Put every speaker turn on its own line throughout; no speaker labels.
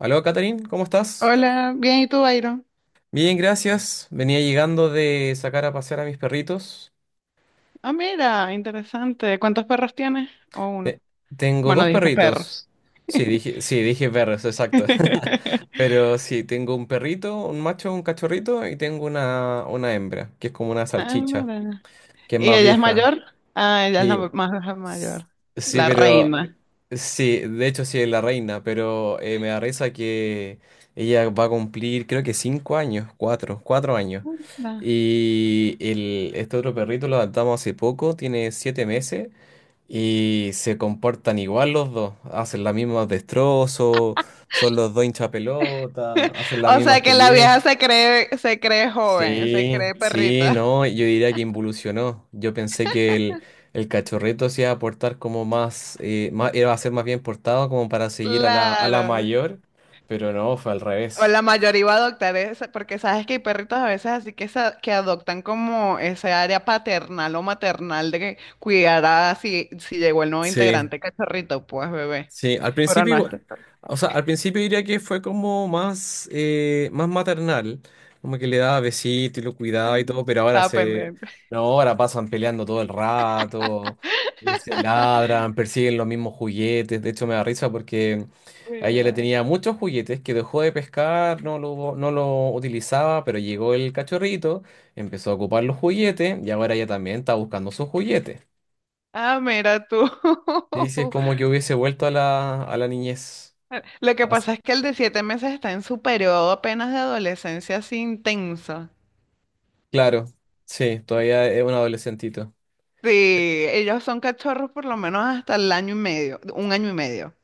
Aló, Catherine, ¿cómo estás?
Hola, bien, ¿y tú, Byron?
Bien, gracias. Venía llegando de sacar a pasear a mis perritos.
Ah, mira, interesante. ¿Cuántos perros tienes? O
Eh,
uno.
Tengo
Bueno,
dos
dijiste
perritos.
perros.
Sí, dije perros, exacto. Pero sí, tengo un perrito, un macho, un cachorrito y tengo una hembra, que es como una
Ah,
salchicha,
mira.
que es
¿Y
más
ella es
vieja.
mayor? Ah, ella es la
Sí.
más
S-
mayor,
Sí,
la
pero.
reina.
Sí, de hecho sí es la reina, pero me da risa que ella va a cumplir creo que 5 años, 4 años.
Ah.
Y este otro perrito lo adoptamos hace poco, tiene 7 meses y se comportan igual los dos, hacen la misma destrozos, son los dos hinchapelota, hacen la
O
misma
sea que la vieja
estupidez.
se cree joven, se
Sí,
cree
sí,
perrita.
no, yo diría que involucionó. Yo pensé que el cachorrito se iba a portar como más, iba a ser más bien portado como para seguir a la
Claro.
mayor, pero no, fue al
O
revés.
la mayoría iba a adoptar esa, porque sabes que hay perritos a veces así que, que adoptan como ese área paternal o maternal de que cuidará si, llegó el nuevo
Sí.
integrante cachorrito, pues bebé.
Sí, al
Pero
principio,
no, este
o sea, al principio diría que fue como más maternal, como que le daba besitos y lo cuidaba y todo, pero
estaba pendiente.
no, ahora pasan peleando todo el rato, y se ladran, persiguen los mismos juguetes, de hecho me da risa porque a ella le
Mira.
tenía muchos juguetes que dejó de pescar, no lo utilizaba, pero llegó el cachorrito, empezó a ocupar los juguetes y ahora ella también está buscando sus juguetes.
Ah, mira tú.
Y sí, es como que hubiese vuelto a la niñez.
Lo que pasa es que el de 7 meses está en su periodo apenas de adolescencia así intenso.
Claro, sí, todavía es un adolescentito.
Sí, ellos son cachorros por lo menos hasta el año y medio, 1 año y medio.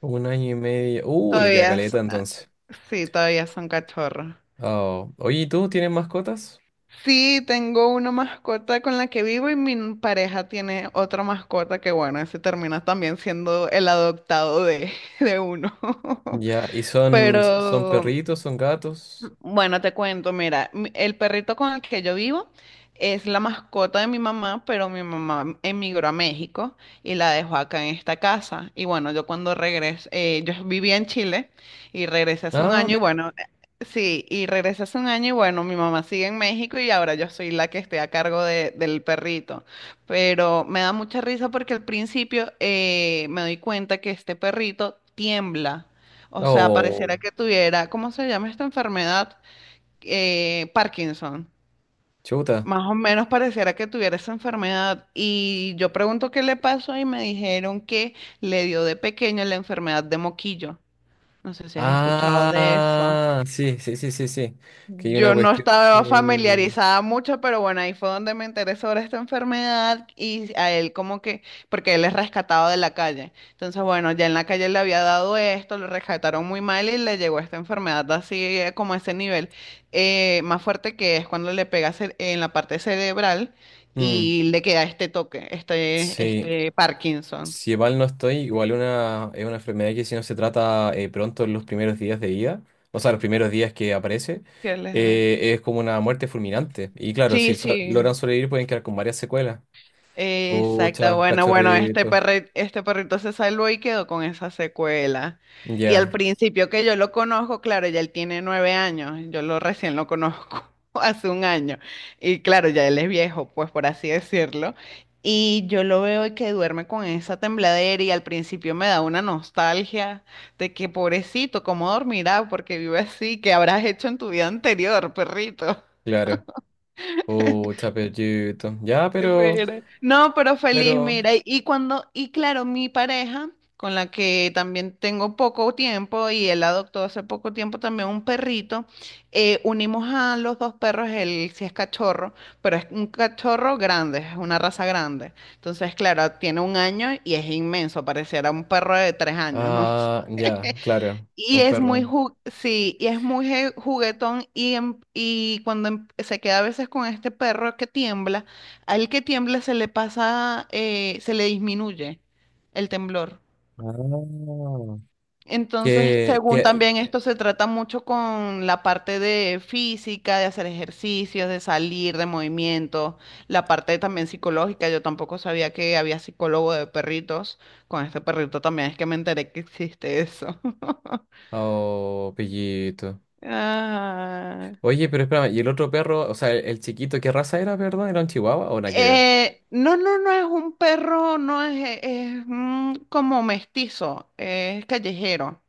Un año y medio. Le queda
Todavía,
caleta entonces.
sí, todavía son cachorros.
Oh. Oye, ¿y tú tienes mascotas?
Sí, tengo una mascota con la que vivo y mi pareja tiene otra mascota que, bueno, ese termina también siendo el adoptado de, de uno.
Ya, ¿y son
Pero
perritos, son gatos?
bueno, te cuento, mira, el perrito con el que yo vivo es la mascota de mi mamá, pero mi mamá emigró a México y la dejó acá en esta casa. Y bueno, yo cuando regresé, yo vivía en Chile y regresé hace un
Ah,
año y
mira.
bueno, sí, y regresé hace un año y bueno, mi mamá sigue en México y ahora yo soy la que estoy a cargo del perrito. Pero me da mucha risa porque al principio me doy cuenta que este perrito tiembla. O sea, pareciera
Oh,
que tuviera, ¿cómo se llama esta enfermedad? Parkinson.
chuta.
Más o menos pareciera que tuviera esa enfermedad. Y yo pregunto qué le pasó y me dijeron que le dio de pequeño la enfermedad de moquillo. No sé si has escuchado de eso.
Ah, sí, sí, sí, sí, sí. Que hay una
Yo no
cuestión
estaba
que...
familiarizada mucho, pero bueno, ahí fue donde me enteré sobre esta enfermedad y a él como que, porque él es rescatado de la calle. Entonces, bueno, ya en la calle le había dado esto, lo rescataron muy mal y le llegó esta enfermedad así como a ese nivel más fuerte, que es cuando le pega en la parte cerebral
Mm,
y le queda este toque, este,
sí.
este Parkinson.
Si mal no estoy, igual es una enfermedad que si no se trata pronto en los primeros días de vida, o sea, los primeros días que aparece,
¿Qué les da?
es como una muerte fulminante. Y claro,
Sí,
si logran
sí.
sobrevivir pueden quedar con varias secuelas.
Exacto,
Ucha,
bueno, bueno, este
cachorrito.
este perrito se salvó y quedó con esa secuela. Y
Ya,
al principio que yo lo conozco, claro, ya él tiene 9 años, yo lo recién lo conozco hace un año. Y claro, ya él es viejo, pues por así decirlo. Y yo lo veo y que duerme con esa tembladera y al principio me da una nostalgia de que pobrecito, ¿cómo dormirá? Porque vive así, ¿qué habrás hecho en tu vida anterior, perrito?
claro. Ucha, perrito. Ya,
Espera. No, pero feliz,
pero,
mira, y cuando, y claro, mi pareja, con la que también tengo poco tiempo, y él adoptó hace poco tiempo también un perrito, unimos a los dos perros. Él sí es cachorro, pero es un cachorro grande, es una raza grande. Entonces, claro, tiene un año y es inmenso, pareciera un perro de 3 años, ¿no?
ah, ya, claro,
Y
un
es muy,
perro.
sí, y es muy juguetón y, y cuando se queda a veces con este perro que tiembla, al que tiembla se le pasa, se le disminuye el temblor.
Ah.
Entonces,
¿Qué,
según
qué?
también esto se trata mucho con la parte de física, de hacer ejercicios, de salir, de movimiento, la parte también psicológica. Yo tampoco sabía que había psicólogo de perritos. Con este perrito también es que me enteré que existe eso.
Oh, pellito.
Ah.
Oye, pero espérame, ¿y el otro perro, o sea, el chiquito, qué raza era, perdón? ¿Era un chihuahua o nada que ver?
No, no, no es un perro, no es, es un como mestizo, es callejero,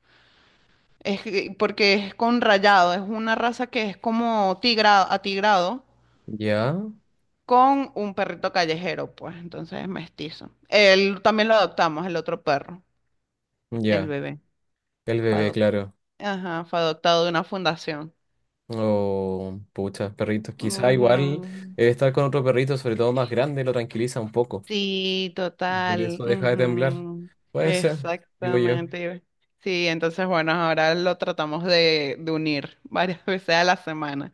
porque es con rayado, es una raza que es como tigrado, atigrado
Ya,
con un perrito callejero, pues entonces es mestizo. Él también lo adoptamos, el otro perro, el
ya,
bebé,
el
fue
bebé,
adop-
claro.
ajá, fue adoptado de una fundación.
Oh, pucha, perritos. Quizá igual
Ujú.
el estar con otro perrito, sobre todo más grande, lo tranquiliza un poco.
Sí,
Y por
total.
eso deja de temblar.
Ujú,
Puede ser, digo yo.
exactamente. Sí, entonces, bueno, ahora lo tratamos de unir varias veces a la semana.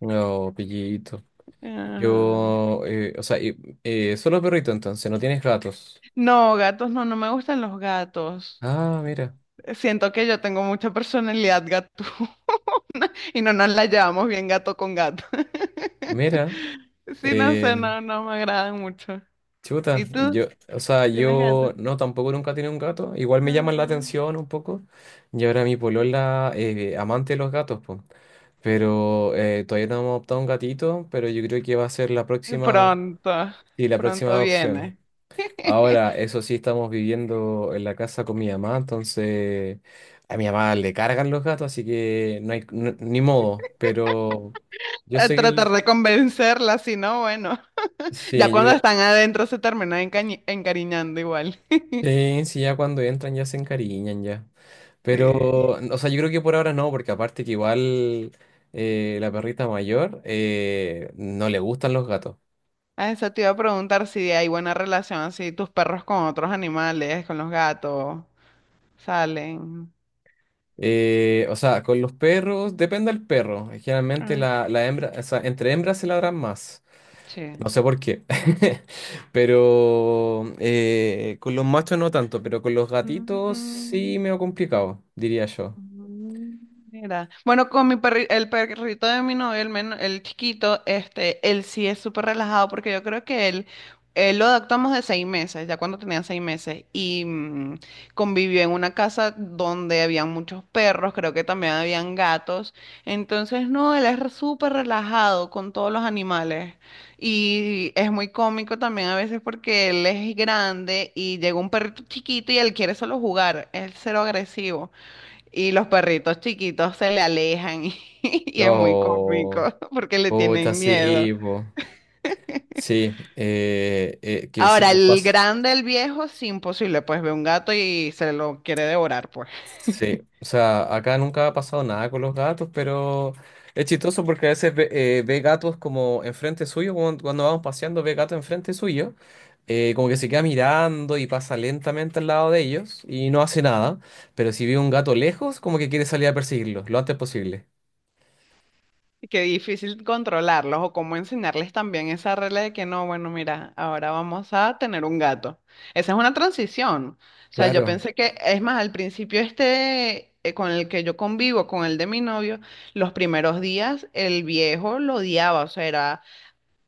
No, pillito.
Ajá.
O sea, solo perrito entonces, no tienes gatos.
No, gatos, no, no me gustan los gatos.
Ah, mira,
Siento que yo tengo mucha personalidad gato y no nos la llevamos bien gato con gato.
mira.
Sí, no
eh,
sé, no, no me agradan mucho.
Chuta,
¿Y tú?
o sea,
¿Tienes gato?
yo no tampoco nunca he tenido un gato, igual me llaman la
Ah,
atención un poco, y ahora mi polola amante de los gatos, pues. Pero todavía no hemos adoptado un gatito, pero yo creo que va a ser la próxima,
pronto,
sí, la próxima
pronto
adopción.
viene.
Ahora, eso sí, estamos viviendo en la casa con mi mamá, entonces a mi mamá le cargan los gatos, así que no hay ni modo. Pero yo
A
sé que
tratar de convencerla, si no, bueno, ya
sí,
cuando están adentro se terminan encariñando igual.
sí, sí, ya cuando entran ya se encariñan ya. Pero,
Sí.
o sea, yo creo que por ahora no, porque aparte que igual la perrita mayor no le gustan los gatos.
A eso te iba a preguntar si hay buena relación así, tus perros con otros animales, con los gatos, salen.
O sea, con los perros, depende del perro. Generalmente
Ah, qué
la hembra, o sea, entre hembras se ladran más. No
che.
sé por qué. Pero con los machos no tanto, pero con los gatitos sí me ha complicado, diría yo.
Mm, mira, bueno, con mi el perrito de mi novio, el, el chiquito, este, él sí es súper relajado porque yo creo que él lo adoptamos de 6 meses, ya cuando tenía 6 meses, y mm, convivió en una casa donde habían muchos perros, creo que también habían gatos, entonces no, él es súper relajado con todos los animales y es muy cómico también a veces porque él es grande y llega un perrito chiquito y él quiere solo jugar, es cero agresivo. Y los perritos chiquitos se le alejan y, es muy
No,
cómico porque le
pucha,
tienen miedo.
sí, po. Sí, que sí,
Ahora,
pues
el
paso.
grande, el viejo, sí, imposible, pues ve un gato y se lo quiere devorar, pues.
Sí, o sea, acá nunca ha pasado nada con los gatos, pero es chistoso porque a veces ve gatos como enfrente suyo, cuando vamos paseando ve gatos enfrente suyo, como que se queda mirando y pasa lentamente al lado de ellos y no hace nada, pero si ve un gato lejos, como que quiere salir a perseguirlo lo antes posible.
Y qué difícil controlarlos o cómo enseñarles también esa regla de que no, bueno, mira, ahora vamos a tener un gato. Esa es una transición. O sea, yo
Claro.
pensé que, es más, al principio este, con el que yo convivo, con el de mi novio, los primeros días el viejo lo odiaba, o sea, era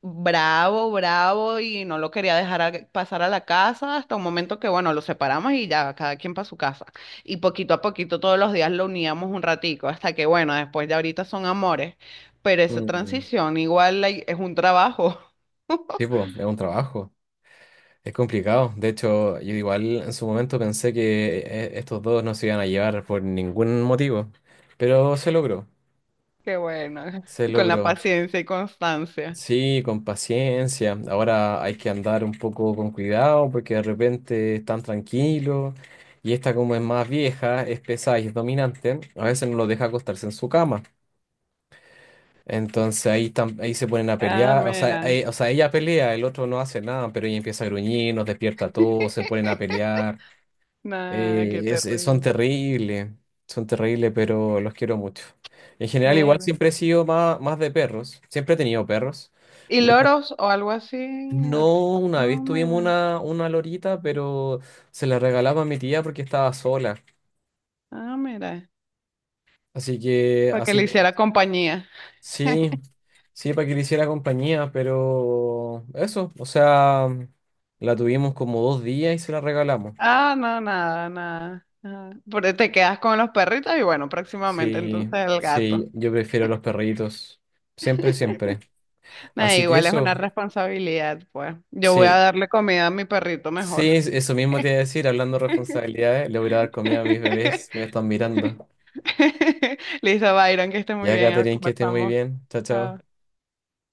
bravo, bravo y no lo quería dejar pasar a la casa hasta un momento que, bueno, lo separamos y ya, cada quien para su casa. Y poquito a poquito todos los días lo uníamos un ratico hasta que, bueno, después de ahorita son amores, pero esa
Mm.
transición igual es un trabajo.
Sí, pues, es un trabajo, es complicado. De hecho, yo igual en su momento pensé que estos dos no se iban a llevar por ningún motivo, pero se logró.
Qué bueno,
Se
con la
logró.
paciencia y constancia.
Sí, con paciencia. Ahora hay que andar un poco con cuidado porque de repente están tranquilos y esta como es más vieja, es pesada y es dominante, a veces no lo deja acostarse en su cama. Entonces ahí se ponen a
Ah,
pelear, o sea,
mira.
eh, o sea, ella pelea, el otro no hace nada, pero ella empieza a gruñir, nos despierta a todos, se ponen a pelear.
Nah, qué
Son
terrible.
terribles, son terribles, pero los quiero mucho. En general, igual
Mira.
siempre he sido más de perros, siempre he tenido perros.
¿Y loros o algo así?
No, una vez
No,
tuvimos
mira.
una lorita, pero se la regalaba a mi tía porque estaba sola.
Ah, mira.
Así que,
Para que le hiciera compañía.
sí, sí, para que le hiciera compañía, pero eso, o sea, la tuvimos como 2 días y se la regalamos.
Ah, no, nada, nada. Nada. Pero te quedas con los perritos y bueno, próximamente
Sí,
entonces el gato.
sí, yo prefiero los perritos, siempre, siempre.
Nada,
Así que
igual es
eso,
una responsabilidad, pues. Yo voy a
sí,
darle comida a mi perrito mejor.
sí, eso mismo te iba a decir, hablando de responsabilidades, le voy a dar comida a mis bebés que me están mirando.
Listo, Byron, que esté muy
Ya,
bien,
Catherine, que esté muy
conversamos.
bien, chao, chao.
Chao.